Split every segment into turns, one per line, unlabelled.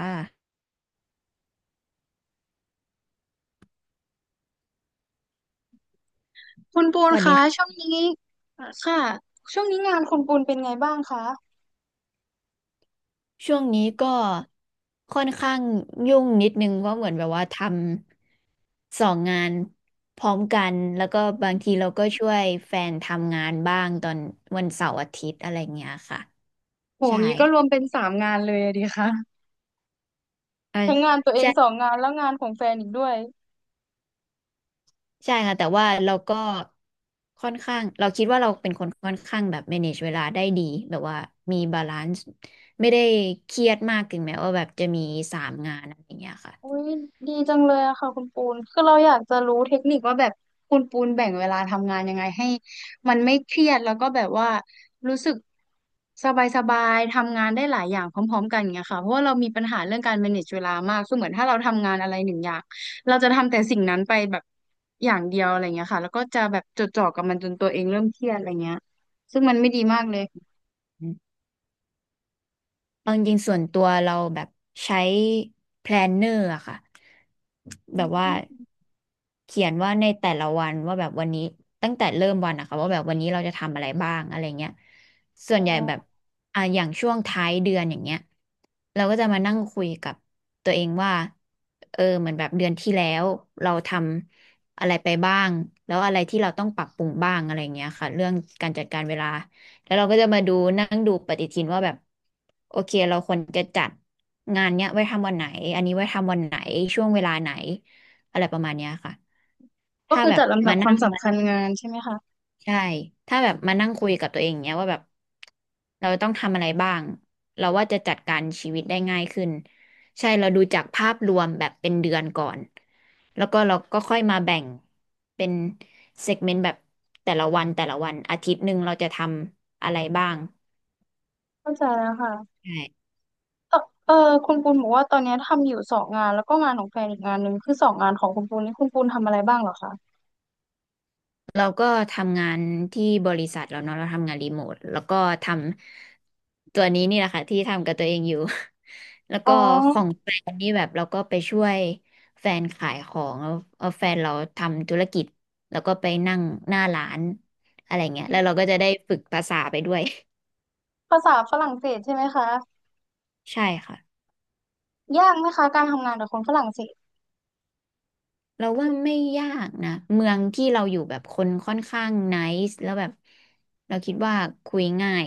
อ่า
คุณปู
ส
น
วัสดี
คะช่ว
ค่ะ
งนี้อ่ะค่ะช่วงนี้งานคุณปูนเป็นไงบ้างคะ
ช่วงนี้ก็ค่อนข้างยุ่งนิดนึงเพราะเหมือนแบบว่าทำสองงานพร้อมกันแล้วก็บางทีเราก็ช่วยแฟนทำงานบ้างตอนวันเสาร์อาทิตย์อะไรเงี้ยค่ะ
โห
ใช่
งี้ก็รวมเป็นสามงานเลยอะดีคะ
เอ
ทั้งงาน
อ
ตัวเองสองงานแล้วงานของแฟนอีกด้วย
ใช่ค่ะแต่ว่าเราก็ค่อนข้างเราคิดว่าเราเป็นคนค่อนข้างแบบ manage เวลาได้ดีแบบว่ามีบาลานซ์ไม่ได้เครียดมากถึงแม้ว่าแบบจะมีสามงานอะไรเงี้ยค่ะ
อุ้ยดีจังเลยอะค่ะคุณปูนคือเราอยากจะรู้เทคนิคว่าแบบคุณปูนแบ่งเวลาทำงานยังไงให้มันไม่เครียดแล้วก็แบบว่ารู้สึกสบายสบายทำงานได้หลายอย่างพร้อมๆกันอย่างเงี้ยค่ะเพราะว่าเรามีปัญหาเรื่องการ manage เวลามากคือเหมือนถ้าเราทำงานอะไรหนึ่งอย่างเราจะทำแต่สิ่งนั้นไปแบบอย่างเดียวอะไรเงี้ยค่ะแล้วก็จะแบบจดจ่อกับมันจนตัวเองเริ่มเครียดอะไรเงี้ยซึ่งมันไม่ดีมากเลย
เอาจริงๆส่วนตัวเราแบบใช้ planner อร์อะค่ะ
อื
แบบว่า
ม
เขียนว่าในแต่ละวันว่าแบบวันนี้ตั้งแต่เริ่มวันอะค่ะว่าแบบวันนี้เราจะทำอะไรบ้างอะไรเงี้ยส่ว
อ๋
นใหญ่แบบ
อ
อ่ะอย่างช่วงท้ายเดือนอย่างเงี้ยเราก็จะมานั่งคุยกับตัวเองว่าเออเหมือนแบบเดือนที่แล้วเราทำอะไรไปบ้างแล้วอะไรที่เราต้องปรับปรุงบ้างอะไรเงี้ยค่ะเรื่องการจัดการเวลา แล้วเราก็จะมาดูนั่งดูปฏิทินว่าแบบโอเคเราควรจะจัดงานเนี้ยไว้ทำวันไหนอันนี้ไว้ทำวันไหนช่วงเวลาไหนอะไรประมาณเนี้ยค่ะ
ก็
ถ้า
คือ
แบ
จั
บ
ดลำดับ
มา
ค
นั่
วาม
ง
สำคัญงานใช่ไหมคะ
ใช่ถ้าแบบมานั่งคุยกับตัวเองเนี้ยว่าแบบเราต้องทำอะไรบ้างเราว่าจะจัดการชีวิตได้ง่ายขึ้นใช่เราดูจากภาพรวมแบบเป็นเดือนก่อนแล้วก็เราก็ค่อยมาแบ่งเป็นเซกเมนต์แบบแต่ละวันแต่ละวันอาทิตย์หนึ่งเราจะทำอะไรบ้าง
เข้าใจแล้วค่ะ
ใช่
เออเออคุณปูนบอกว่าตอนเนี้ยทำอยู่สองงานแล้วก็งานของแฟนอีกงานหนึ่งคือสองงานของคุณปูนนี่คุณปูนทำอะไรบ้างเหรอคะ
เราก็ทำงานที่บริษัทเราเนาะเราทำงานรีโมทแล้วก็ทำตัวนี้นี่แหละค่ะที่ทำกับตัวเองอยู่ แล้ว
อ๋อ
ก็ของแฟนนี่แบบเราก็ไปช่วยแฟนขายของแล้วเอาแฟนเราทำธุรกิจแล้วก็ไปนั่งหน้าร้านอะไรเงี้ยแล้วเราก็จะได้ฝึกภาษาไปด้วย
ภาษาฝรั่งเศสใช่ไหมคะ
ใช่ค่ะ
ยากไหมคะการทำงานกับคนฝรั่งเศส
เราว่าไม่ยากนะเมืองที่เราอยู่แบบคนค่อนข้างไนซ์แล้วแบบเราคิดว่าคุยง่าย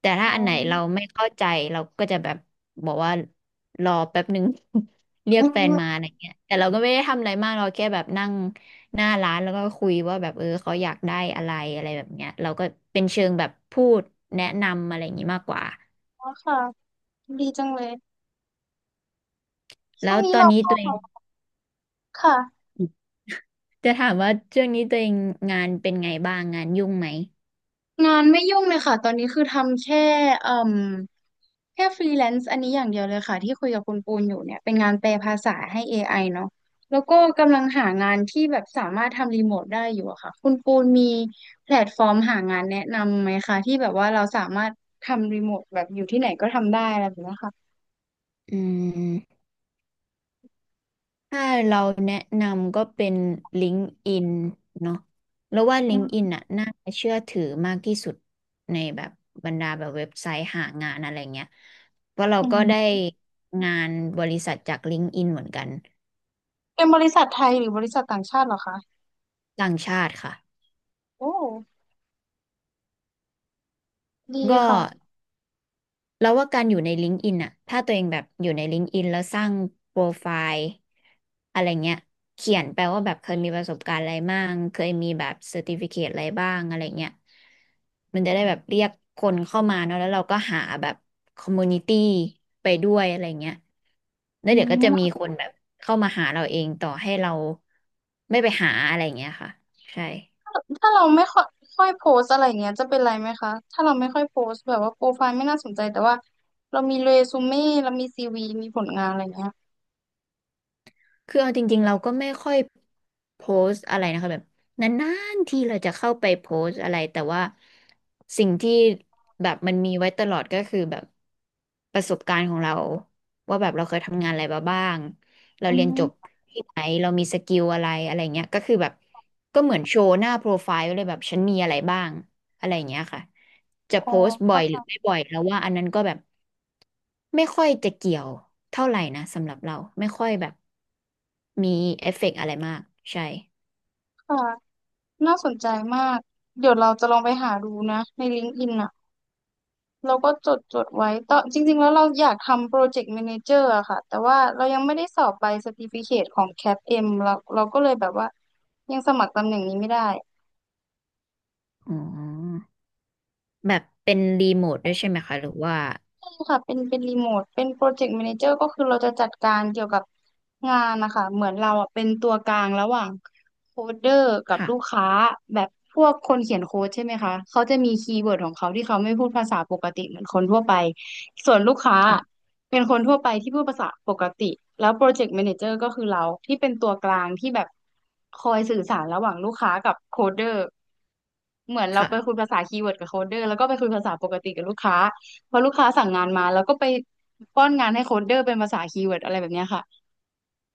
แต่ถ้า
อ๋อ
อันไหนเราไม่เข้าใจเราก็จะแบบบอกว่ารอแป๊บหนึ่ง เรีย
อื
กแฟนมา
ม
อะไรเงี้ยแต่เราก็ไม่ได้ทำอะไรมากเราแค่แบบนั่งหน้าร้านแล้วก็คุยว่าแบบเออเขาอยากได้อะไรอะไรแบบเนี้ยเราก็เป็นเชิงแบบพูดแนะนำอะไรอย่างงี้มากกว่า
ค่ะดีจังเลยช่
แล้
วง
ว
นี้
ตอน
เรา
นี้
ก็
ตัวเอง
ค่ะ
จะถามว่าช่วงนี้ตัวเองงานเป็นไงบ้างงานยุ่งไหม
งานไม่ยุ่งเลยค่ะตอนนี้คือทำแค่เอ่มแค่ฟรีแลนซ์อันนี้อย่างเดียวเลยค่ะที่คุยกับคุณปูนอยู่เนี่ยเป็นงานแปลภาษาให้ AI เนาะแล้วก็กำลังหางานที่แบบสามารถทำรีโมทได้อยู่อะค่ะคุณปูนมีแพลตฟอร์มหางานแนะนำไหมคะที่แบบว่าเราสามารถทำรีโมทแบบอยู่ที่ไหนก็ทำได้อะไรแบบเนี้ยค่ะ
อืม ถ้าเราแนะนำก็เป็น LinkedIn เนาะแล้วว่า
อื
LinkedIn
ม
อนน่ะน่าเชื่อถือมากที่สุดในแบบบรรดาแบบเว็บไซต์หางานอะไรเงี้ยเพราะเรา
อื
ก็ได้
ม
งานบริษัทจาก LinkedIn เหมือนกัน
เป็นบริษัทไทยหรือบริษัทต่างชาติเหรอคะ
ต่างชาติค่ะ
โอ้ดี
ก็
ค่ะ
แล้วว่าการอยู่ใน LinkedIn อนอ่ะถ้าตัวเองแบบอยู่ใน LinkedIn แล้วสร้างโปรไฟล์อะไรเงี้ยเขียนแปลว่าแบบเคยมีประสบการณ์อะไรบ้างเคยมีแบบเซอร์ติฟิเคตอะไรบ้างอะไรเงี้ยมันจะได้แบบเรียกคนเข้ามาเนอะแล้วเราก็หาแบบคอมมูนิตี้ไปด้วยอะไรเงี้ยแล้
อื
วเดี๋ยวก็จะมี
ม
คนแบบเข้ามาหาเราเองต่อให้เราไม่ไปหาอะไรเงี้ยค่ะใช่
ถ้าเราไม่ค่อยค่อยโพสอะไรเงี้ยจะเป็นไรไหมคะถ้าเราไม่ค่อยโพสแบบว่าโปรไฟล์ไม่น่าสนใจแต่ว่าเรามีเรซูเม่เรามีซีวีมีผลงานอะไรเงี้ย
คือเอาจริงๆเราก็ไม่ค่อยโพสต์อะไรนะคะแบบนานๆที่เราจะเข้าไปโพสต์อะไรแต่ว่าสิ่งที่แบบมันมีไว้ตลอดก็คือแบบประสบการณ์ของเราว่าแบบเราเคยทำงานอะไรมาบ้างเรา
อื
เรียนจบ
ม
ที่ไหนเรามีสกิลอะไรอะไรเงี้ยก็คือแบบก็เหมือนโชว์หน้าโปรไฟล์ไว้เลยแบบฉันมีอะไรบ้าง อะไรอย่างเงี้ยค่ะ จะ
อ๋อ
โพสต์บ่อ
เข้า
ย
ใจ
หรือไม่บ่อยแล้วว่าอันนั้นก็แบบไม่ค่อยจะเกี่ยวเท่าไหร่นะสำหรับเราไม่ค่อยแบบมีเอฟเฟกต์อะไรมากใช่
ค่ะน่าสนใจมากเดี๋ยวเราจะลองไปหาดูนะใน LinkedIn อนอ่ะเราก็จดจดไว้ตอจริงๆแล้วเราอยากทำโปรเจกต์แมเนเจอร์อะค่ะแต่ว่าเรายังไม่ได้สอบใบ certificate ของ CAPM เอ็มเราก็เลยแบบว่ายังสมัครตำแหน่งนี้ไม่ได้
อ๋อแบบเป็นรีโมทด้วยใช่ไหมคะหรือว่า
ค่ะเป็นรีโมทเป็นโปรเจกต์ a ม a นเจอร์ก็คือเราจะจัดการเกี่ยวกับงานนะคะ เหมือนเราอ่ะเป็นตัวกลางระหว่างโคดเดอร์กับลูก
ค่ะ
ค้าแบบพวกคนเขียนโค้ดใช่ไหมคะ เขาจะมีคีย์เวิร์ดของเขาที่เขาไม่พูดภาษาปกติเหมือนคนทั่วไป ส่วนลูกค้า
ค่ะ
เป็นคนทั่วไปที่พูดภาษาปกติ แล้วโปรเจกต์ a ม a นเจอร์ก็คือเราที่เป็นตัวกลางที่แบบคอยสื่อสารระหว่างลูกค้ากับโคดเดอร์ เหมือนเราไปคุ
ค่ะ
ยภาษาคีย์เวิร์ดกับโคดเดอร์แล้วก็ไปคุยภาษาปกติกับลูกค้าพอลูกค้าสั่งงานมาแล้วก็ไปป้อนงานให้โคดเดอร์เป็นภาษาคีย์เวิร์ดอะไรแบบเนี้ยค่ะ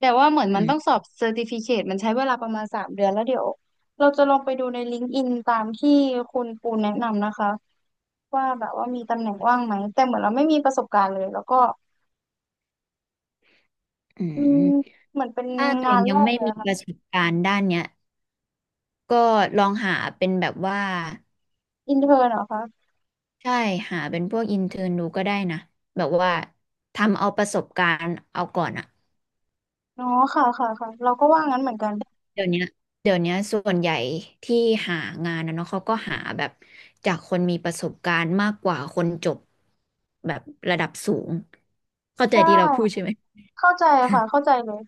แต่ว่าเหมือนมั
อื
นต้อง
ม
สอบเซอร์ติฟิเคตมันใช้เวลาประมาณ3 เดือนแล้วเดี๋ยวเราจะลองไปดูในลิงก์อินตามที่คุณปูนแนะนำนะคะว่าแบบว่ามีตำแหน่งว่างไหมแต่เหมือนเราไม่มีประสบการณ์เลยแล้วก็
อื
อืม
ม
เหมือนเป็น
ถ้าตัว
งา
เอ
น
ง
แร
ยัง
ก
ไม่
เลย
มี
อะ
ป
ค่ะ
ระสบการณ์ด้านเนี้ยก็ลองหาเป็นแบบว่า
อินเทอร์เหรอคะ
ใช่หาเป็นพวกอินเทอร์นดูก็ได้นะแบบว่าทำเอาประสบการณ์เอาก่อนอะ
อ๋อค่ะค่ะค่ะเราก็ว่างั้นเหมือนกัน
เดี๋ยวเนี้ยเดี๋ยวเนี้ยส่วนใหญ่ที่หางานนะเนาะเขาก็หาแบบจากคนมีประสบการณ์มากกว่าคนจบแบบระดับสูงเข้าใจ
ใช่
ที่เราพูดใช่ไหม
เข้าใจค่ะเข้าใจเลย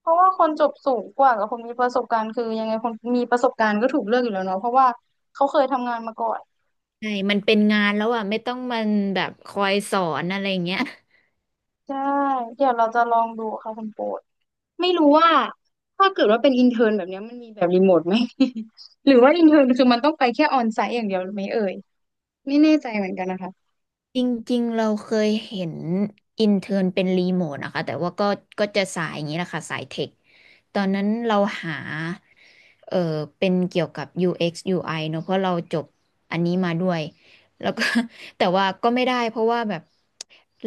เพราะว่าคนจบสูงกว่ากับคนมีประสบการณ์คือยังไงคนมีประสบการณ์ก็ถูกเลือกอยู่แล้วเนาะเพราะว่าเขาเคยทำงานมาก่อน
ใช่มันเป็นงานแล้วอ่ะไม่ต้องมันแบบคอยสอนอะไรอย่างเงี้ย
ใช่เดี๋ยวเราจะลองดูค่ะคุณโปรดไม่รู้ว่าถ้าเกิดว่าเป็นอินเทอร์นแบบเนี้ยมันมีแบบรีโมทไหม หรือว่าอินเทอร์นคือมันต้องไปแค่ออนไซต์อย่างเดียวไหมเอ่ยไม่แน่ใจเหมือนกันนะคะ
จริงๆ เราเคยเห็นอินเทอร์นเป็นรีโมทนะคะแต่ว่าก็ก็จะสายอย่างนี้แหละค่ะสายเทคตอนนั้นเราหาเออเป็นเกี่ยวกับ UX UI เอ็กซ์ยูไอเนอะเพราะเราจบอันนี้มาด้วยแล้วก็ แต่ว่าก็ไม่ได้เพราะว่าแบบ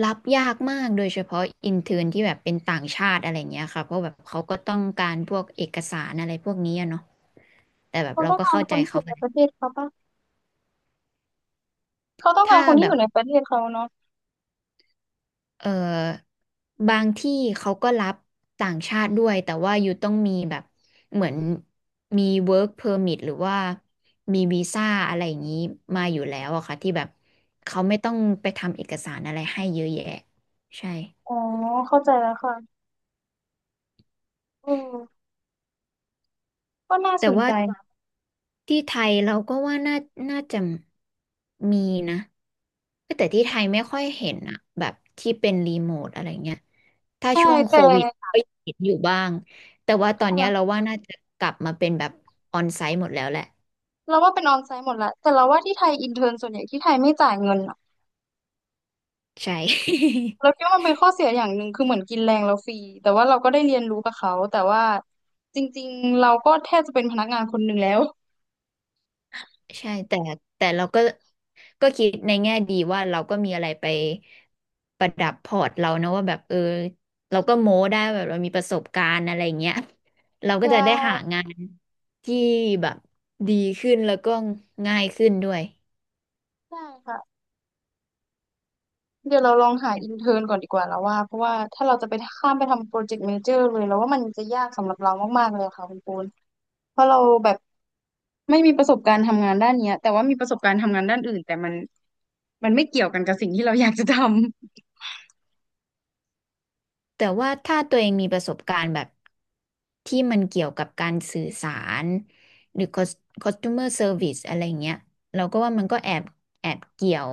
รับยากมากโดยเฉพาะอินเทอร์นที่แบบเป็นต่างชาติอะไรเงี้ยค่ะเพราะแบบเขาก็ต้องการพวกเอกสารอะไรพวกนี้อะเนาะแต่แบบ
เขา
เรา
ต้อง
ก็
การ
เข้า
ค
ใจ
นที่อ
เขา
ยู่
ไป
ในประเทศเขาปะเขาต้องการ
ถ้า
คนที่
แบ
อ
บ
ยู่ในประเทศเขาเนาะ
เอ่อบางที่เขาก็รับต่างชาติด้วยแต่ว่าอยู่ต้องมีแบบเหมือนมี work permit หรือว่ามีวีซ่าอะไรอย่างนี้มาอยู่แล้วอะค่ะที่แบบเขาไม่ต้องไปทำเอกสารอะไรให้เยอะแยะใช่
อ๋อเข้าใจแล้วค่ะอือก็น่าส
แต่
น
ว่า
ใจ
ที่ไทยเราก็ว่าน่าน่าจะมีนะแต่ที่ไทยไม่ค่อยเห็นอะแบบที่เป็นรีโมทอะไรเงี้ยถ้า
ใช่
ช่วงโค
แต่
วิดก็ยังเห็นอยู่บ้างแต่ว่าตอนเนี้ยเรา
ค่ะ
ว่าน่าจะกลับมาเป็นแบบออนไซต์หมดแล้วแหละ
เราว่าเป็นออนไซต์หมดแหละแต่เราว่าที่ไทยอินเทอร์นส่วนใหญ่ที่ไทยไม่จ่ายเงินอะ
ใช่
เราคิดว่ามันเป็นข้อเสียอย่างหนึ่งคือเหมือนกินแรงเราฟรีแต่ว่าเราก็ได้เรียนรู้กับเขาแต่ว่าจริงๆเราก็แทบจะเป็นพนักงานคนหนึ่งแล้ว
ใช่แต่เราก็ก็คิดในแง่ดีว่าเราก็มีอะไรไปประดับพอร์ตเรานะว่าแบบเออเราก็โม้ได้แบบเรามีประสบการณ์อะไรเงี้ยเรา
ใช
ก็จะได้หา
่
งาน ที่แบบดีขึ้นแล้วก็ง่ายขึ้นด้วย
ใช่ค่ะเดี๋ยวเราลองหาอินเทอร์นก่อนดีกว่าแล้วว่าเพราะว่าถ้าเราจะไปข้ามไปทำโปรเจกต์เมเจอร์เลยเราว่ามันจะยากสำหรับเรามากๆเลยค่ะคุณปูนเพราะเราแบบไม่มีประสบการณ์ทำงานด้านเนี้ยแต่ว่ามีประสบการณ์ทำงานด้านอื่นแต่มันไม่เกี่ยวกันกับสิ่งที่เราอยากจะท
แต่ว่าถ้าตัวเองมีประสบการณ์แบบที่มันเกี่ยวกับการสื่อสารหรือ customer service อะไรเงี้ยเราก็ว่ามันก็แอบเกี่ยว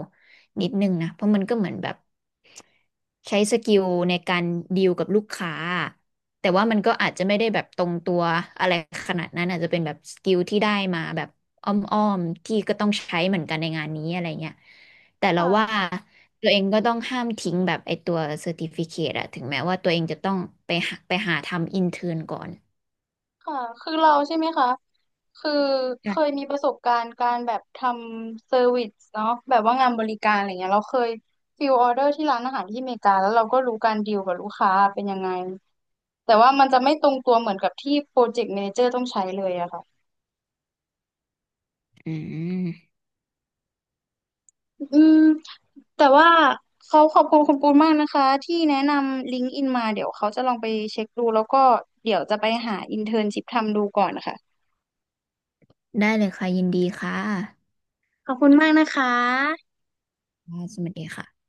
นิดนึงนะเพราะมันก็เหมือนแบบใช้สกิลในการดีลกับลูกค้าแต่ว่ามันก็อาจจะไม่ได้แบบตรงตัวอะไรขนาดนั้นอาจจะเป็นแบบสกิลที่ได้มาแบบอ้อมๆที่ก็ต้องใช้เหมือนกันในงานนี้อะไรเงี้ยแต่
ำ
เราว่า
ค่ะ
ตัวเองก็ต้องห้ามทิ้งแบบไอตัวเซอร์ติฟิเคตอะถึงแม้ว่าตัวเองจะต้องไปหาทำอินเทิร์นก่อน
ค่ะ คือเราใช่ไหมคะ คือเคย
ค่ะ
มีประสบการณ์การแบบทำเซอร์วิสเนาะแบบว่างานบริการอะไรเงี้ยเราเคยฟิลออเดอร์ที่ร้านอาหารที่อเมริกาแล้วเราก็รู้การดีลกับลูกค้าเป็นยังไง แต่ว่ามันจะไม่ตรงตัวเหมือนกับที่โปรเจกต์ a ม a นเจอร์ต้องใช้เลยอะค่ะ
อืม
อืมแต่ว่าเขาขอบคุณคุณปูนมากนะคะที่แนะนำลิงก์อินมาเดี๋ยวเขาจะลองไปเช็คดูแล้วก็เดี๋ยวจะไปหาอินเทิร์นชิพทำดูก่อนนะคะ
ได้เลยค่ะยินดีค่ะ
ขอบคุณมากนะคะ
ค่ะสวัสดีค่ะ